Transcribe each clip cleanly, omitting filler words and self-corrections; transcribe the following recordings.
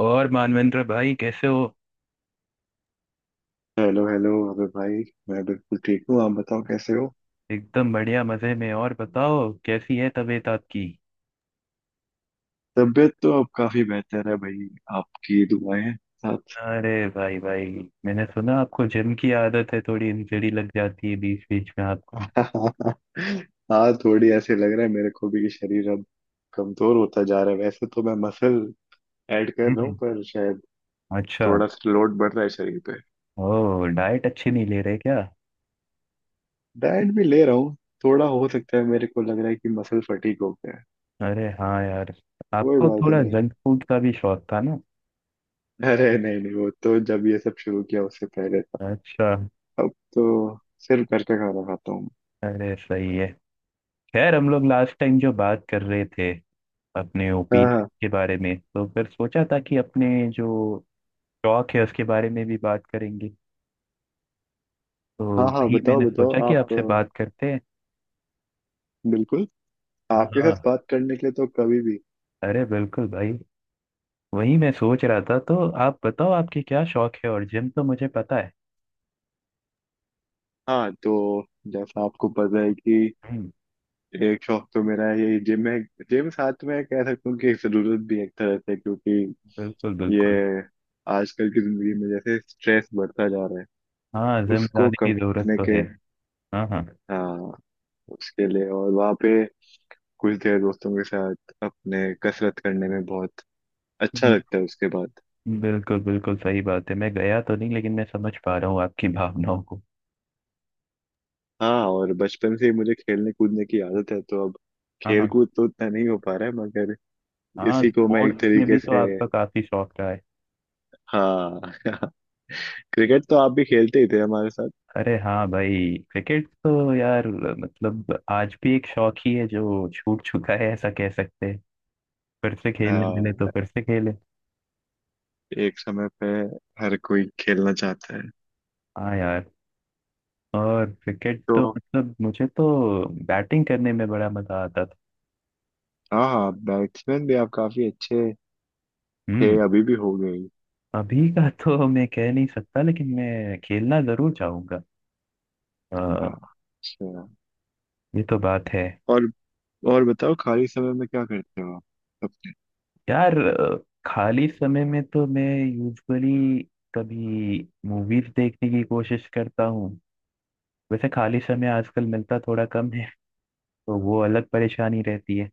और मानवेंद्र भाई कैसे हो। हेलो हेलो अबे भाई। मैं बिल्कुल ठीक हूँ, आप बताओ कैसे हो। एकदम बढ़िया मजे में। और बताओ कैसी है तबीयत आपकी। तबीयत तो अब काफी बेहतर है भाई, आपकी दुआएं हैं साथ। अरे भाई भाई, मैंने सुना आपको जिम की आदत है, थोड़ी इंजरी लग जाती है बीच बीच में आपको। हाँ, थोड़ी ऐसे लग रहा है मेरे को भी कि शरीर अब कमजोर होता जा रहा है। वैसे तो मैं मसल ऐड कर रहा हूँ हम्म। पर शायद अच्छा। थोड़ा सा लोड बढ़ रहा है शरीर पे। ओ डाइट अच्छी नहीं ले रहे क्या। डाइट भी ले रहा हूँ। थोड़ा हो सकता है, मेरे को लग रहा है कि मसल फटीक हो गया है। अरे हाँ यार, कोई आपको बात थोड़ा नहीं। जंक फूड का भी शौक था ना। अरे नहीं नहीं, वो तो जब ये सब शुरू किया उससे पहले था। अच्छा। अब तो सिर्फ घर का खाना खाता हूँ। अरे सही है। खैर हम लोग लास्ट टाइम जो बात कर रहे थे अपने हाँ ओपिनियन हाँ। के बारे में, तो फिर सोचा था कि अपने जो शौक है उसके बारे में भी बात करेंगे। तो हाँ हाँ, वही बताओ मैंने बताओ सोचा कि आप। आपसे बात करते हैं। बिल्कुल। हाँ आपके साथ हाँ। बात करने के लिए तो कभी भी। अरे बिल्कुल भाई। वही मैं सोच रहा था, तो आप बताओ आपके क्या शौक है, और जिम तो मुझे पता है। हाँ, तो जैसा आपको पता है कि हम्म, एक शौक तो मेरा है ये जिम है। जिम साथ में कह सकता हूँ कि एक जरूरत भी एक तरह से, क्योंकि बिल्कुल बिल्कुल। ये आजकल की जिंदगी में जैसे स्ट्रेस बढ़ता जा रहा है, हाँ जिम उसको जाने कम की जरूरत करने तो के। है। हाँ हाँ। हाँ, उसके लिए। और वहाँ पे कुछ देर दोस्तों के साथ अपने कसरत करने में बहुत अच्छा हम्म, लगता है उसके बाद। बिल्कुल बिल्कुल सही बात है, मैं गया तो नहीं लेकिन मैं समझ पा रहा हूँ आपकी भावनाओं को। हाँ, और बचपन से ही मुझे खेलने कूदने की आदत है तो अब हाँ खेल हाँ। कूद तो उतना नहीं हो पा रहा है, मगर हाँ इसी को मैं एक स्पोर्ट्स में भी तरीके तो से। आपका काफी शौक रहा है। हाँ। क्रिकेट तो आप भी खेलते ही थे हमारे साथ। अरे हाँ भाई, क्रिकेट तो यार मतलब आज भी एक शौक ही है जो छूट चुका है, ऐसा कह सकते हैं। फिर से खेलने मिले तो हाँ, फिर से खेले। एक समय पे हर कोई खेलना चाहता है। हाँ यार, और क्रिकेट तो तो मतलब मुझे तो बैटिंग करने में बड़ा मजा आता था। हाँ हाँ, बैट्समैन भी आप काफी अच्छे थे, हम्म। अभी भी हो गए। अभी का तो मैं कह नहीं सकता, लेकिन मैं खेलना जरूर चाहूंगा। अ, हाँ, अच्छा। ये तो बात है। और और बताओ खाली समय में क्या करते हो आप अपने। यार, खाली समय में तो मैं यूजुअली कभी मूवीज देखने की कोशिश करता हूँ। वैसे खाली समय आजकल मिलता थोड़ा कम है, तो वो अलग परेशानी रहती है।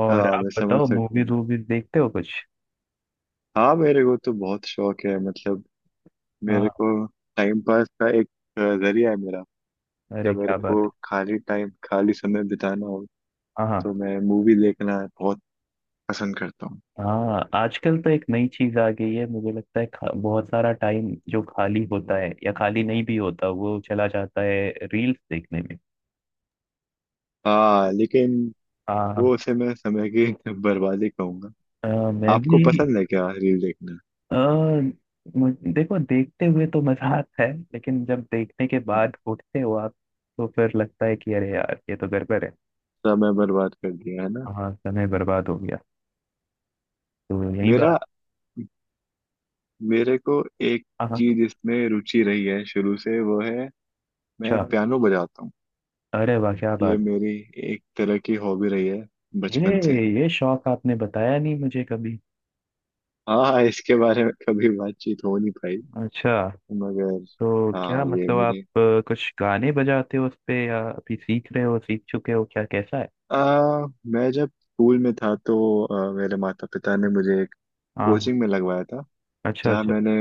और हाँ, आप मैं समझ बताओ सकता मूवीज हूँ। वूवीज देखते हो कुछ। हाँ, मेरे को तो बहुत शौक है, मतलब हाँ मेरे हाँ, को टाइम पास का एक जरिया है मेरा। अरे जब मेरे क्या बात को है। खाली टाइम, खाली समय बिताना हो हाँ हाँ तो मैं मूवी देखना बहुत पसंद करता हूँ। हाँ आजकल तो एक नई चीज आ गई है, मुझे लगता है बहुत सारा टाइम जो खाली होता है या खाली नहीं भी होता वो चला जाता है रील्स देखने में। हाँ, लेकिन हाँ। वो उसे मैं समय की बर्बादी कहूंगा। मैं आपको भी। पसंद है क्या रील देखना? अ, देखो, देखते हुए तो मजा आता है लेकिन जब देखने के हम्म, बाद उठते हो आप तो फिर लगता है कि अरे यार ये तो गड़बड़ है। समय बर्बाद कर दिया है ना। हाँ समय बर्बाद हो गया। तो यही बात। मेरा मेरे को एक हाँ हाँ। चीज इसमें रुचि रही है शुरू से, वो है अच्छा। मैं पियानो बजाता हूँ। अरे वाह क्या ये बात। मेरी एक तरह की हॉबी रही है ये बचपन से। ये शौक आपने बताया नहीं मुझे कभी। हाँ, इसके बारे में कभी बातचीत हो नहीं पाई अच्छा। मगर। तो क्या हाँ, ये मतलब आप मुझे कुछ गाने बजाते हो उस पे, या अभी सीख रहे हो, सीख चुके हो क्या, कैसा है। मैं जब स्कूल में था तो मेरे माता पिता ने मुझे एक हाँ। कोचिंग में लगवाया था। अच्छा जहाँ अच्छा। मैंने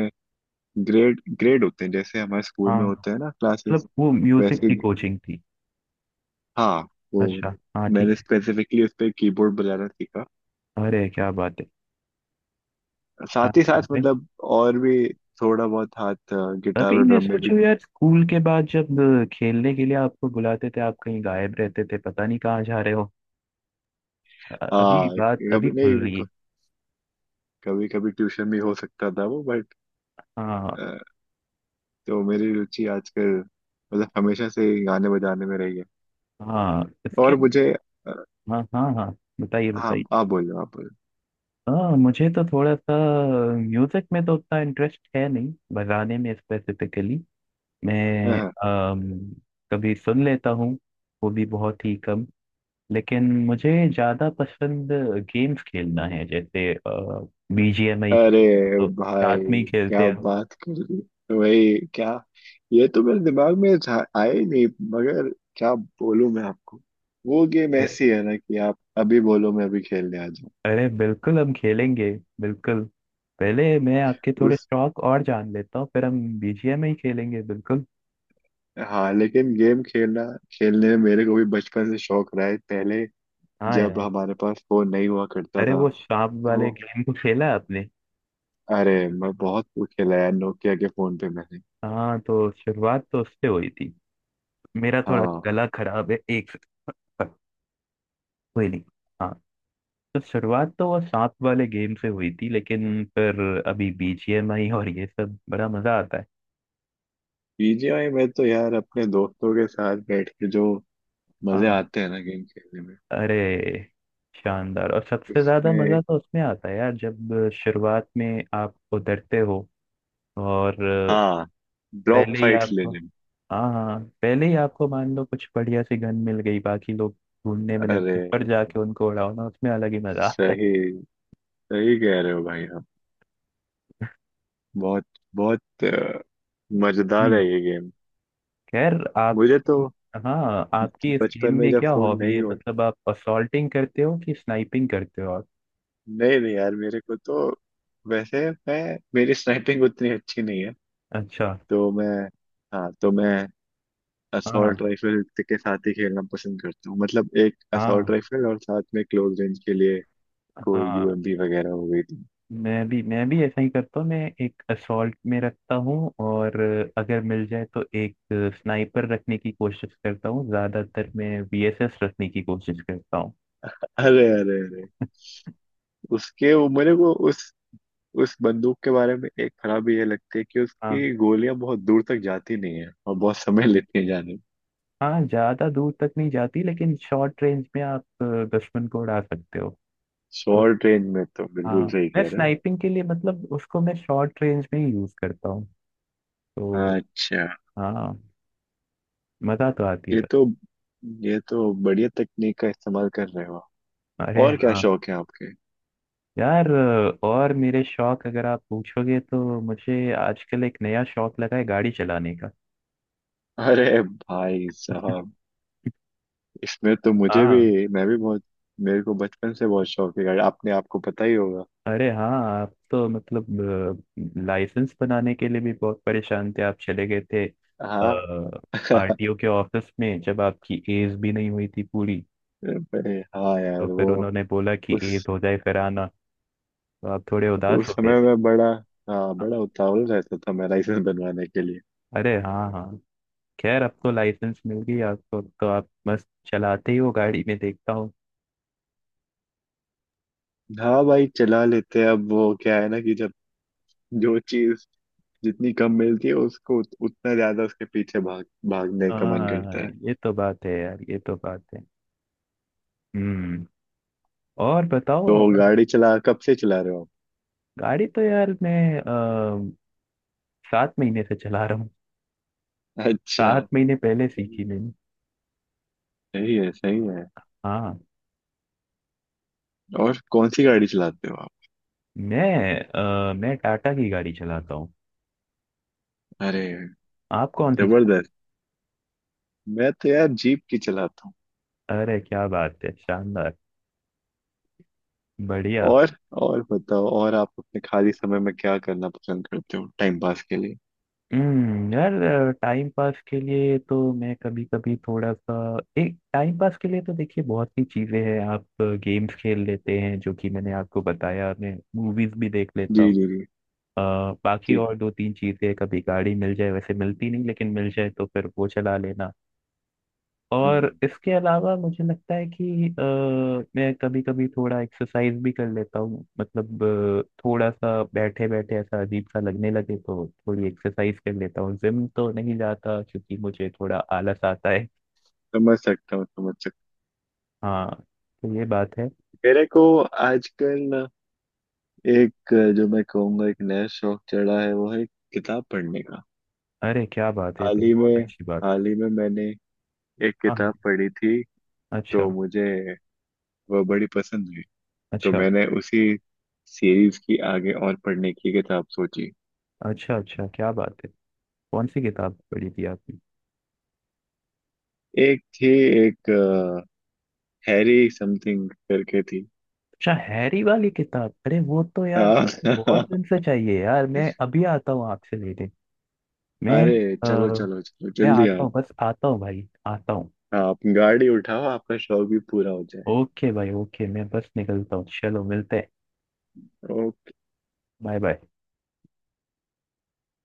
ग्रेड, ग्रेड होते हैं जैसे हमारे स्कूल हाँ में होते हैं ना क्लासेस मतलब वो म्यूजिक वैसे। की कोचिंग थी। हाँ, वो अच्छा हाँ मैंने ठीक है। स्पेसिफिकली उस पर कीबोर्ड बजाना सीखा। अरे क्या बात है, साथ ही शानदार साथ, है। मतलब और भी थोड़ा बहुत हाथ गिटार अभी और मैं ड्रम में भी। सोचूं यार, स्कूल के बाद जब खेलने के लिए आपको बुलाते थे आप कहीं गायब रहते थे, पता नहीं कहाँ जा रहे हो। अभी हाँ, बात अभी कभी खुल नहीं, रही है। कभी कभी ट्यूशन भी हो सकता था वो, हाँ। बट तो मेरी रुचि आजकल मतलब हमेशा से ही गाने बजाने में रही है। हाँ इसके और मुझे अ, हाँ हाँ हाँ, बताइए हाँ, बताइए। आप बोलो आप बोलो। हाँ मुझे तो थोड़ा सा म्यूजिक में तो उतना इंटरेस्ट है नहीं, बजाने में स्पेसिफिकली। हाँ, मैं हाँ। अम, कभी सुन लेता हूँ, वो भी बहुत ही कम। लेकिन मुझे ज़्यादा पसंद गेम्स खेलना है, जैसे बीजीएमआई, अरे तो भाई साथ में ही क्या खेलते बात कर दी, वही क्या। ये तो मेरे दिमाग में आया ही नहीं, मगर क्या बोलूं मैं आपको, वो गेम हैं। ऐसी है ना कि आप अभी बोलो मैं अभी खेलने आ जाऊं। अरे बिल्कुल हम खेलेंगे, बिल्कुल। पहले मैं आपके थोड़े उस, शौक और जान लेता हूँ, फिर हम बीजीएम ही खेलेंगे बिल्कुल। हाँ, लेकिन गेम खेलना, खेलने में मेरे को भी बचपन से शौक रहा है। पहले हाँ जब यार। हमारे पास फोन नहीं हुआ करता अरे था वो सांप तो वाले गेम को खेला है आपने। अरे मैं बहुत खेला यार, नोकिया के फोन पे मैंने। हाँ तो शुरुआत तो उससे हुई थी। मेरा थोड़ा हाँ। गला खराब है, एक सेकंड। पर कोई नहीं। हाँ तो शुरुआत तो वो सांप वाले गेम से हुई थी, लेकिन फिर अभी बीजीएम आई और ये सब बड़ा मजा आता है। बीजीआई में तो यार अपने दोस्तों के साथ बैठ के जो मजे हाँ, आते हैं ना गेम खेलने में, अरे शानदार, और सबसे ज्यादा उसमें। मजा तो उसमें आता है यार जब शुरुआत में आप उतरते हो और हाँ, ड्रॉप पहले ही फाइट्स आपको, लेने में। हाँ हाँ पहले ही आपको मान लो कुछ बढ़िया सी गन मिल गई, बाकी लोग ढूंढने में अरे, लगे पर जाके उनको उड़ाओ ना, उसमें अलग ही मजा आता है। सही सही कह रहे हो भाई आप। बहुत बहुत मजेदार हम्म। है ये गेम। खैर आप मुझे तो हाँ आपकी इस गेम बचपन में में जब क्या फोन हॉबी नहीं है, हो, मतलब आप असॉल्टिंग करते हो कि स्नाइपिंग करते हो आप। नहीं नहीं यार मेरे को तो, वैसे मैं मेरी स्नाइपिंग उतनी अच्छी नहीं है। अच्छा। तो मैं, हाँ तो मैं असॉल्ट हाँ राइफल के साथ ही खेलना पसंद करता हूँ, मतलब एक असॉल्ट हाँ राइफल और साथ में क्लोज रेंज के लिए कोई हाँ यूएमपी वगैरह हो गई थी। मैं भी ऐसा ही करता हूँ, मैं एक असॉल्ट में रखता हूँ और अगर मिल जाए तो एक स्नाइपर रखने की कोशिश करता हूँ, ज्यादातर मैं वीएसएस रखने की कोशिश करता हूँ। अरे अरे अरे, उसके वो मेरे को उस बंदूक के बारे में एक खराबी ये लगती है कि हाँ। उसकी गोलियां बहुत दूर तक जाती नहीं है और बहुत समय लेती है जाने में। हाँ ज्यादा दूर तक नहीं जाती लेकिन शॉर्ट रेंज में आप दुश्मन को उड़ा सकते हो। तो शॉर्ट रेंज में तो हाँ बिल्कुल सही मैं कह रहे हो स्नाइपिंग के लिए मतलब उसको मैं शॉर्ट रेंज में ही यूज करता हूँ। आप। तो अच्छा, हाँ, मजा तो आती है ये बस। तो ये तो बढ़िया तकनीक का इस्तेमाल कर रहे हो आप। अरे और क्या हाँ शौक है आपके? यार, और मेरे शौक अगर आप पूछोगे तो मुझे आजकल एक नया शौक लगा है गाड़ी चलाने का। अरे भाई साहब, इसमें तो मुझे हाँ। भी, मैं भी बहुत, मेरे को बचपन से बहुत शौक है गाड़ी, आपने, आपको पता ही होगा। अरे हाँ आप तो मतलब लाइसेंस बनाने के लिए भी बहुत परेशान थे, आप चले गए थे हाँ। आरटीओ के ऑफिस में जब आपकी एज भी नहीं हुई थी पूरी, भाई, हाँ यार तो फिर वो उन्होंने बोला कि एज उस हो जाए फिर आना, तो आप थोड़े उदास उस हो गए समय थे। में बड़ा, हाँ बड़ा उतावल रहता था मैं लाइसेंस बनवाने के लिए। अरे हाँ हाँ। खैर अब तो लाइसेंस मिल गई आपको तो आप मस्त चलाते ही हो गाड़ी, में देखता। हाँ भाई, चला लेते हैं अब। वो क्या है ना कि जब जो चीज जितनी कम मिलती है उसको उतना ज्यादा उसके पीछे भाग भागने का मन हाँ करता है। ये तो बात है यार, ये तो बात है। हम्म। और बताओ तो और। गाड़ी चला कब से चला रहे हो गाड़ी तो यार मैं सात महीने से चला रहा हूँ, आप? अच्छा, सात महीने पहले सही, सीखी मैंने। सही है, सही है। हाँ। और कौन सी गाड़ी चलाते हो आप? मैं मैं टाटा की गाड़ी चलाता हूँ। अरे आप कौन सी चला। जबरदस्त, मैं तो यार जीप की चलाता हूँ। अरे क्या बात है शानदार, बढ़िया। और और बताओ और आप अपने खाली समय में क्या करना पसंद करते हो टाइम पास के लिए। यार टाइम पास के लिए तो मैं कभी कभी थोड़ा सा, एक टाइम पास के लिए तो देखिए बहुत सी चीजें हैं, आप गेम्स खेल लेते हैं, जो कि मैंने आपको बताया, मैं मूवीज भी देख लेता। अ, जी जी जी बाकी जी। और दो तीन चीजें, कभी गाड़ी मिल जाए, वैसे मिलती नहीं लेकिन मिल जाए तो फिर वो चला लेना। और हम्म, इसके अलावा मुझे लगता है कि मैं कभी कभी थोड़ा एक्सरसाइज भी कर लेता हूँ, मतलब थोड़ा सा बैठे बैठे ऐसा अजीब सा लगने लगे तो थोड़ी एक्सरसाइज कर लेता हूँ, जिम तो नहीं जाता क्योंकि मुझे थोड़ा आलस आता है। समझ सकता हूँ, समझ सकता हाँ तो ये बात है। हूँ। मेरे को आजकल ना एक जो मैं कहूँगा एक नया शौक चढ़ा है, वो है किताब पढ़ने का। अरे क्या बात है, ये हाल तो ही बहुत में, अच्छी बात। हाल ही में मैंने एक हाँ हाँ। किताब पढ़ी थी अच्छा। तो मुझे वह बड़ी पसंद हुई। तो अच्छा। मैंने उसी सीरीज की आगे और पढ़ने की किताब सोची। अच्छा अच्छा क्या बात है, कौन सी किताब पढ़ी थी आपने। एक थी, एक हैरी समथिंग करके थी। अच्छा हैरी वाली किताब, अरे वो तो यार हाँ। बहुत दिन से चाहिए यार, मैं अभी आता हूँ आपसे लेने। मैं अरे चलो अ, चलो चलो मैं जल्दी आता आओ। हूँ, बस आता हूँ भाई, आता हूँ। आप गाड़ी उठाओ, आपका शौक भी पूरा हो ओके भाई ओके, मैं बस निकलता हूँ, चलो मिलते हैं। जाए। Bye bye.